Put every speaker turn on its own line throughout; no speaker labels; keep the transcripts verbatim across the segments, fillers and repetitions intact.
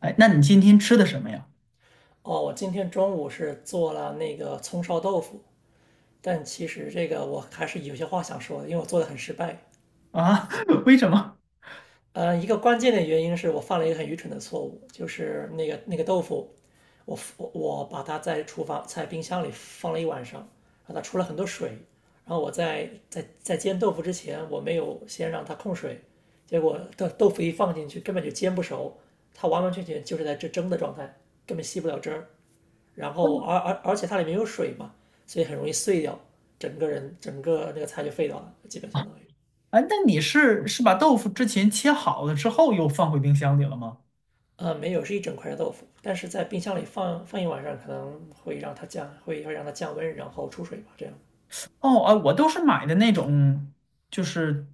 哎，那你今天吃的什么呀？
哦，我今天中午是做了那个葱烧豆腐，但其实这个我还是有些话想说的，因为我做的很失败。
啊，为什么？
呃，一个关键的原因是我犯了一个很愚蠢的错误，就是那个那个豆腐，我我我把它在厨房在冰箱里放了一晚上，然后它出了很多水，然后我在在在煎豆腐之前，我没有先让它控水，结果豆豆腐一放进去根本就煎不熟，它完完全全就是在这蒸的状态，根本吸不了汁儿。然后而而而且它里面有水嘛，所以很容易碎掉，整个人整个那个菜就废掉了，基本相当于。
哎，那你是是把豆腐之前切好了之后又放回冰箱里了吗？
呃，没有，是一整块的豆腐，但是在冰箱里放放一晚上，可能会让它降，会会让它降温，然后出水吧，这样。
哦，啊，我都是买的那种，就是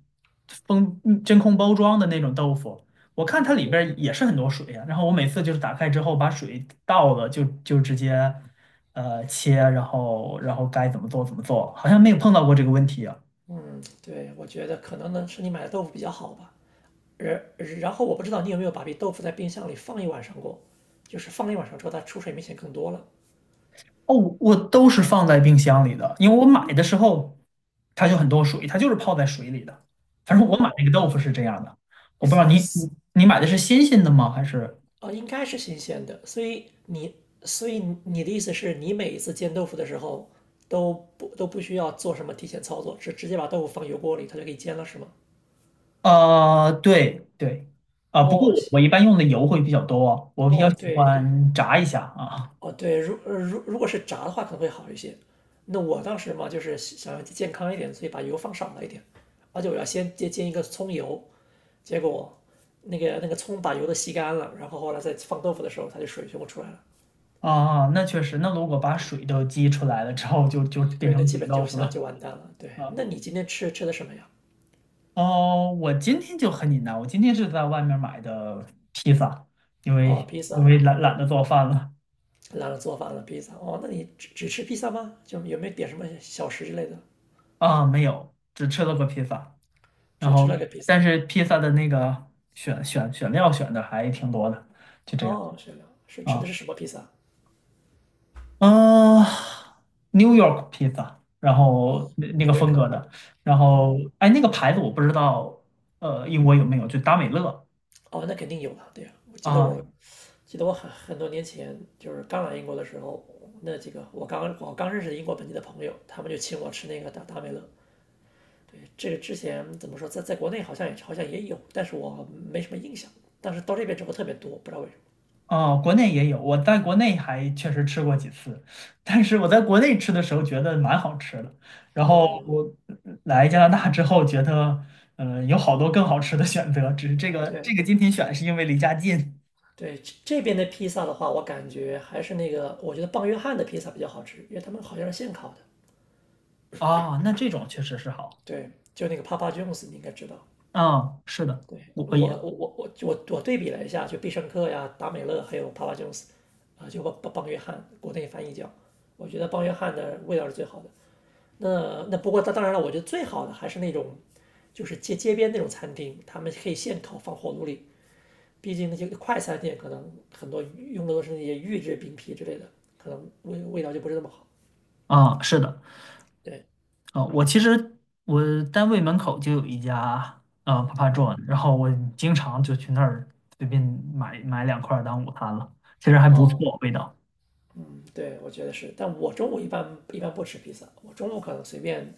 封嗯真空包装的那种豆腐。我看它里边儿也是很多水呀，然后我每次就是打开之后把水倒了就，就直接呃切，然后然后该怎么做怎么做，好像没有碰到过这个问题啊。
嗯，对，我觉得可能呢是你买的豆腐比较好吧。然然后我不知道你有没有把这豆腐在冰箱里放一晚上过，就是放一晚上之后它出水明显更多了。
哦，我都是放在冰箱里的，因为我买的时候它就很多水，它就是泡在水里的。反正我买
哦，
那个豆腐是这样的。我不知道你你你买的是新鲜的吗？还是
哦，应该是新鲜的，所以你，所以你的意思是你每一次煎豆腐的时候都不都不需要做什么提前操作，是直接把豆腐放油锅里，它就给你煎了，是吗？
呃，对对。啊，不过
哦，
我我
行，
一般用的油会比较多，我比较
哦，
喜
对对，
欢炸一下啊
哦对，如呃如如果是炸的话可能会好一些。那我当时嘛，就是想要健康一点，所以把油放少了一点，而且我要先煎煎一个葱油，结果那个那个葱把油都吸干了，然后后来再放豆腐的时候，它就水全部出来了。
啊，啊！那确实，那如果把
对。
水都激出来了之后就，就变
对，那
成
基
煮
本
豆
就
腐
相当
了
就完蛋了。对，
啊。
那你今天吃吃的什么呀？
哦，我今天就很简单，我今天是在外面买的披萨，因
哦，
为
披
因
萨，
为懒懒得做饭了。
懒得做饭了，披萨。哦，那你只只吃披萨吗？就有没有点什么小食之类的？
啊，没有，只吃了个披萨，然
只吃了
后
个披
但
萨。
是披萨的那个选选选料选的还挺多的，就这样
哦，是的，是吃
啊。
的是什么披萨？
嗯，New York 披萨，然
哦，
后那那
纽
个
约
风
客
格
的。
的。然后
哦
哎，那个牌子我不知道，呃，英国有没有，就达美乐
哦，那肯定有了。对呀，我记得
啊。
我记得我很很多年前就是刚来英国的时候，那几个我刚我刚认识的英国本地的朋友，他们就请我吃那个达达美乐。这个之前怎么说，在在国内好像也好像也有，但是我没什么印象。但是到这边之后特别多，不知道为什么。
哦，国内也有，我在国内还确实吃过几次，但是我在国内吃的时候觉得蛮好吃的，然后我来加拿大之后觉得，嗯，有好多更好吃的选择，只是这
啊，
个这
对
个今天选是因为离家近。
对，这这边的披萨的话，我感觉还是那个，我觉得棒约翰的披萨比较好吃，因为他们好像是现烤的。
啊，那这种确实是好。
对，就那个 Papa John's,你应该知道。
嗯，是的，
对，
我
我
我也
我我我我我对比了一下，就必胜客呀、达美乐还有 Papa John's,啊、就棒棒棒约翰，国内翻译叫，我觉得棒约翰的味道是最好的。那那不过当当然了，我觉得最好的还是那种，就是街街边那种餐厅，他们可以现烤放火炉里。毕竟那些快餐店可能很多用的都是那些预制饼皮之类的，可能味味道就不是那么好。
啊，是的，
对，
啊，我其实我单位门口就有一家啊 Papa
哦
John，然后我经常就去那儿随便买买两块儿当午餐了，其实还不
哦，
错，味道。
嗯，对，我觉得是。但我中午一般一般不吃披萨，我中午可能随便，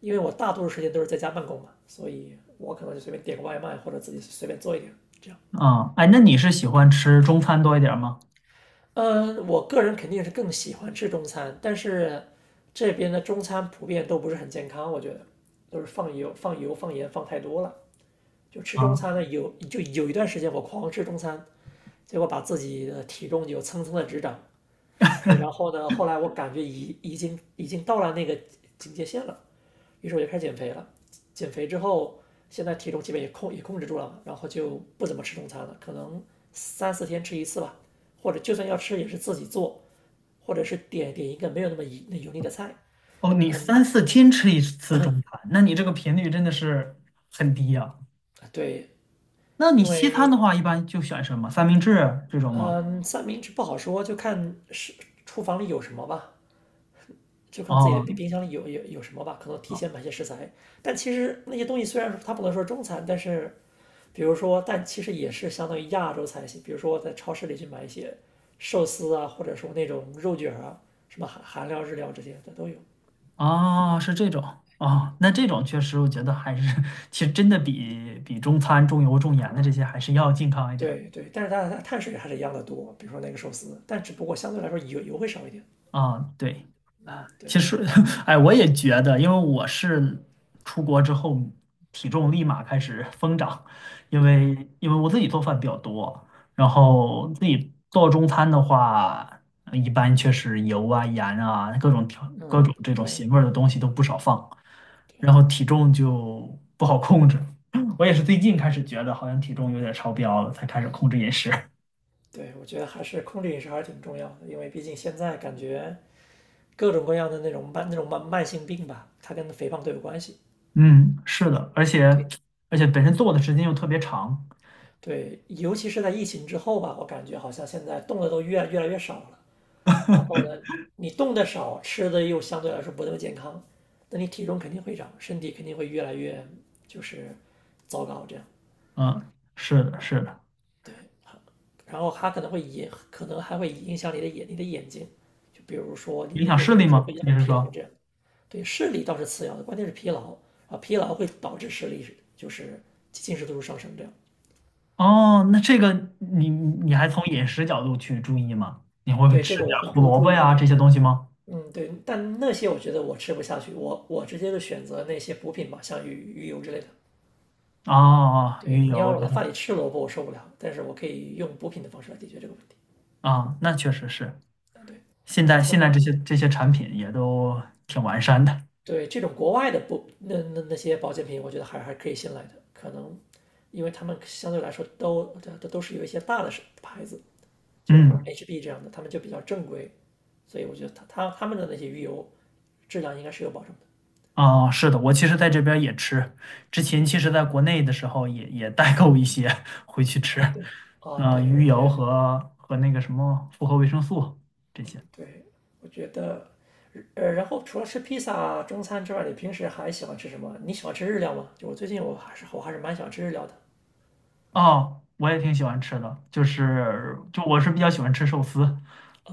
因为我大多数时间都是在家办公嘛，所以我可能就随便点个外卖或者自己随便做一点这样。
啊，哎，那你是喜欢吃中餐多一点儿吗？
嗯，我个人肯定是更喜欢吃中餐，但是这边的中餐普遍都不是很健康，我觉得都是放油、放油、放盐放太多了。就吃中
啊，
餐呢，有就有一段时间我狂吃中餐，结果把自己的体重就蹭蹭的直涨。然后呢，后来我感觉已已经已经到了那个警戒线了，于是我就开始减肥了。减肥之后，现在体重基本也控也控制住了嘛，然后就不怎么吃中餐了，可能三四天吃一次吧，或者就算要吃也是自己做，或者是点点一个没有那么油油腻的菜。
哦，你
嗯，
三四天吃一次中餐，那你这个频率真的是很低呀。
对，
那你
因
西餐的
为
话，一般就选什么三明治这种吗？
嗯三明治不好说，就看是厨房里有什么吧。就看自己的
哦，
冰冰箱里有有有什么吧，可能提
哦，
前买些食材。但其实那些东西虽然说它不能说中餐，但是比如说，但其实也是相当于亚洲菜系。比如说在超市里去买一些寿司啊，或者说那种肉卷儿啊，什么韩韩料、日料这些的都有。
哦是这种
嗯，
哦，那这种确实，我觉得还是 其实真的比比中餐重油重盐的这些还是要健康一点儿
对对，但是它它碳水还是一样的多，比如说那个寿司，但只不过相对来说油油会少一点。
啊。对，
嗯，对
其实，哎，我也觉得，因为我是出国之后体重立马开始疯长，因
对，
为因为我自己做饭比较多，然后自己做中餐的话，呃一般确实油啊、盐啊、各种调、各
嗯
种这种
对
咸味儿的东西都不少放，然后
对
体重就不好控制。我也是最近开始觉得好像体重有点超标了，才开始控制饮食。
对，我觉得还是控制饮食还是挺重要的，因为毕竟现在感觉。各种各样的那种慢那种慢慢性病吧，它跟肥胖都有关系。
嗯，是的，而且
对
而且本身做的时间又特别长。
对尤其是在疫情之后吧，我感觉好像现在动的都越越来越少了。然后呢，你动的少，吃的又相对来说不那么健康，那你体重肯定会长，身体肯定会越来越就是糟糕这样。
嗯，是的，是的。
对，然后它可能会影，可能还会影响你的眼你的眼睛，就比如说你
影
你
响
眼
视
睛
力
有时候
吗？
会
你
很
是
疲劳
说？
这样。对，视力倒是次要的，关键是疲劳啊，疲劳会导致视力就是近视度数上升这样。
哦，那这个你你还从饮食角度去注意吗？你会
对，这
吃
个
点
我会
胡
注
萝
注
卜
意一
呀这
点。
些
对
东西吗？
嗯，对，但那些我觉得我吃不下去，我我直接就选择那些补品吧，像鱼鱼油之类的。
啊，
对，
鱼
你
油，
要我在
然后
饭里吃萝卜，我受不了，但是我可以用补品的方式来解决这个问题。
啊，那确实是。
啊，对，
现在
怎么
现在
改
这
呢？
些这些产品也都挺完善的。
对，这种国外的补那那那些保健品，我觉得还还可以信赖的，可能因为他们相对来说都都都是有一些大的是牌子，就是什么
嗯，
H B 这样的，他们就比较正规，所以我觉得他他他们的那些鱼油质量应该是有保证的。
啊，是的，我其实在这边也吃，之前
嗯，
其实在国内的时候也也代购一些 回去吃，
啊对，啊
呃，
对，
鱼
我
油
觉得
和和那个什么复合维生素这些。
对，我觉得呃，然后除了吃披萨中餐之外，你平时还喜欢吃什么？你喜欢吃日料吗？就我最近我还是我还是蛮喜欢吃日料的。
哦，我也挺喜欢吃的，就是就我是比较喜欢吃寿司，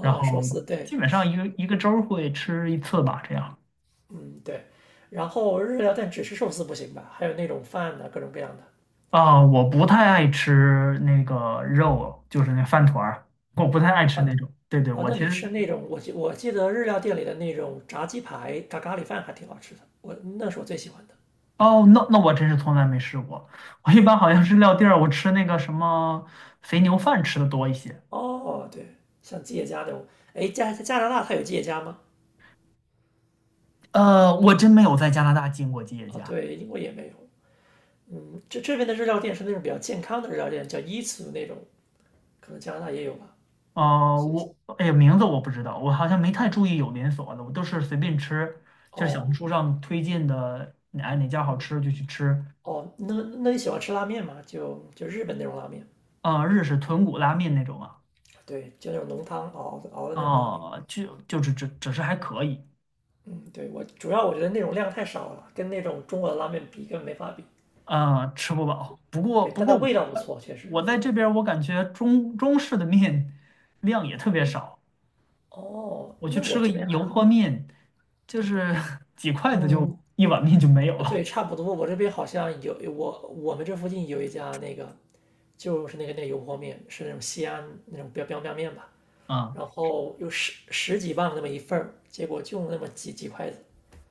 然
寿
后
司对，
基本上一个一个周儿会吃一次吧，这样。
嗯对，然后日料但只吃寿司不行吧？还有那种饭的各种各样的。
啊，我不太爱吃那个肉，就是那饭团儿，我不太爱
哦，
吃
饭
那种。对对，
哦，
我
那
其
你吃
实
那种，我记我记得日料店里的那种炸鸡排炸咖喱饭还挺好吃的，我那是我最喜欢的。
哦，那那我真是从来没试过。我一般好像是撂地儿，我吃那个什么肥牛饭吃的多一些。
哦，对，像吉野家那种，哎，加加拿大它有吉野家吗？
呃，我真没有在加拿大进过吉野
哦，
家。
对，英国也没有。嗯，这这边的日料店是那种比较健康的日料店，叫伊茨那种，可能加拿大也有吧，
呃，
是不是？
我哎呀，名字我不知道，我好像没太
嗯，
注意有连锁的，我都是随便吃，就是小
哦，
红书上推荐的，哎哪家好
嗯，
吃就去吃。
哦，那那你喜欢吃拉面吗？就就日本那种拉面，
啊，日式豚骨拉面那种啊，
对，就那种浓汤熬的熬的那种拉面。
啊，就就只只只是还可以。
嗯，对，我主要我觉得那种量太少了，跟那种中国的拉面比根本没法比。
呃，吃不饱。不过
对，
不
但它
过我
味道不错，确实，
我
我觉
在
得
这边
它。
儿我感觉中中式的面量也特别少，
哦，
我去
那
吃
我
个
这边还
油泼
好。
面，就
对，
是 几筷子就
嗯，
一碗面就没有了
对，差不多。我这边好像有我我们这附近有一家那个，就是那个那个油泼面，是那种西安那种标标标面吧，
啊。
然后有十十几磅那么一份儿，结果就那么几几筷子，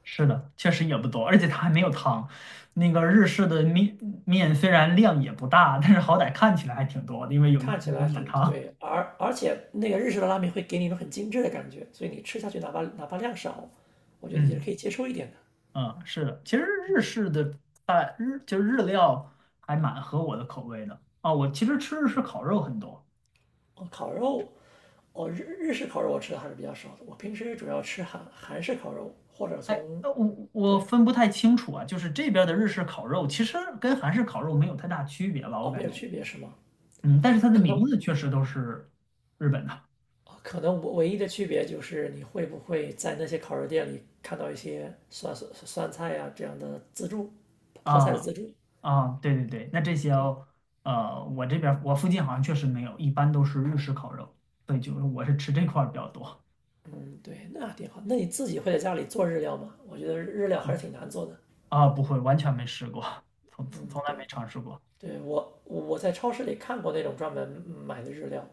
是的，确实也不多，而且它还没有汤。那个日式的面面虽然量也不大，但是好歹看起来还挺多的，因为有
看起
有
来
碗
挺
汤。
对，而而且那个日式的拉面会给你一种很精致的感觉，所以你吃下去哪怕哪怕量少，我觉得也是
嗯
可以接受一点的。
嗯，是的，其实日式的菜日就日料还蛮合我的口味的啊。我其实吃日式烤肉很多，
哦，烤肉，哦日日式烤肉我吃的还是比较少的，我平时主要吃韩韩式烤肉，或者
哎，
从，
呃我我
对，
分不太清楚啊，就是这边的日式烤肉其实跟韩式烤肉没有太大区别吧，我
哦，没
感
有
觉。
区别是吗？
嗯，但是它的
可
名
能
字确实都是日本的。
啊可能我唯一的区别就是你会不会在那些烤肉店里看到一些酸酸酸菜呀、这样的自助，泡菜的自
啊
助。
啊，对对对，那这些哦呃，我这边儿我附近好像确实没有，一般都是日式烤肉，对，就是我是吃这块儿比较多。
嗯，对，那挺好。那你自己会在家里做日料吗？我觉得日料还是
嗯
挺难做的。
啊，不会，完全没试过，从从
嗯，
从
对，
来没尝试过。
对，我我在超市里看过那种专门买的日料，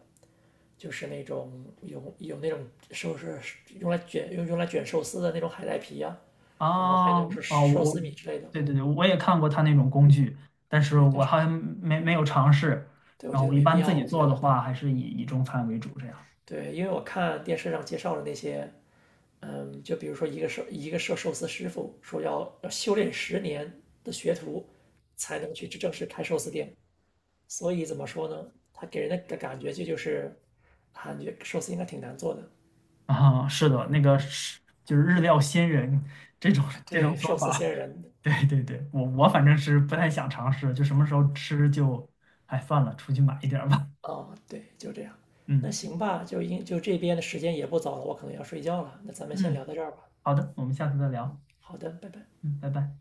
就是那种有有那种寿司用来卷用用来卷寿司的那种海带皮呀、然后还
啊
有就是
哦，
寿
我
司米之类的。
对对对，我也看过他那种工具，但是
对，但
我
是
好像没没有尝试。
对我
然
觉
后
得
我一
没必
般自
要，
己
我觉
做的
得对
话，还是以以中餐为主这样。
对，因为我看电视上介绍的那些，嗯，就比如说一个寿一个寿寿司师傅说要要修炼十年的学徒才能去正式开寿司店，所以怎么说呢？他给人的感觉就就是。感觉寿司应该挺难做的，
啊，是的，那个是就是日料仙人这种这种
对，
说
寿司
法，
仙人，
对对对，我我反正是不太想尝试，就什么时候吃就，哎，算了，出去买一点儿吧。
哦，对，就这样。那
嗯
行吧，就应就这边的时间也不早了，我可能要睡觉了。那咱们先
嗯，
聊到这儿吧。
好的，我们下次再聊。
好的，拜拜。
嗯，拜拜。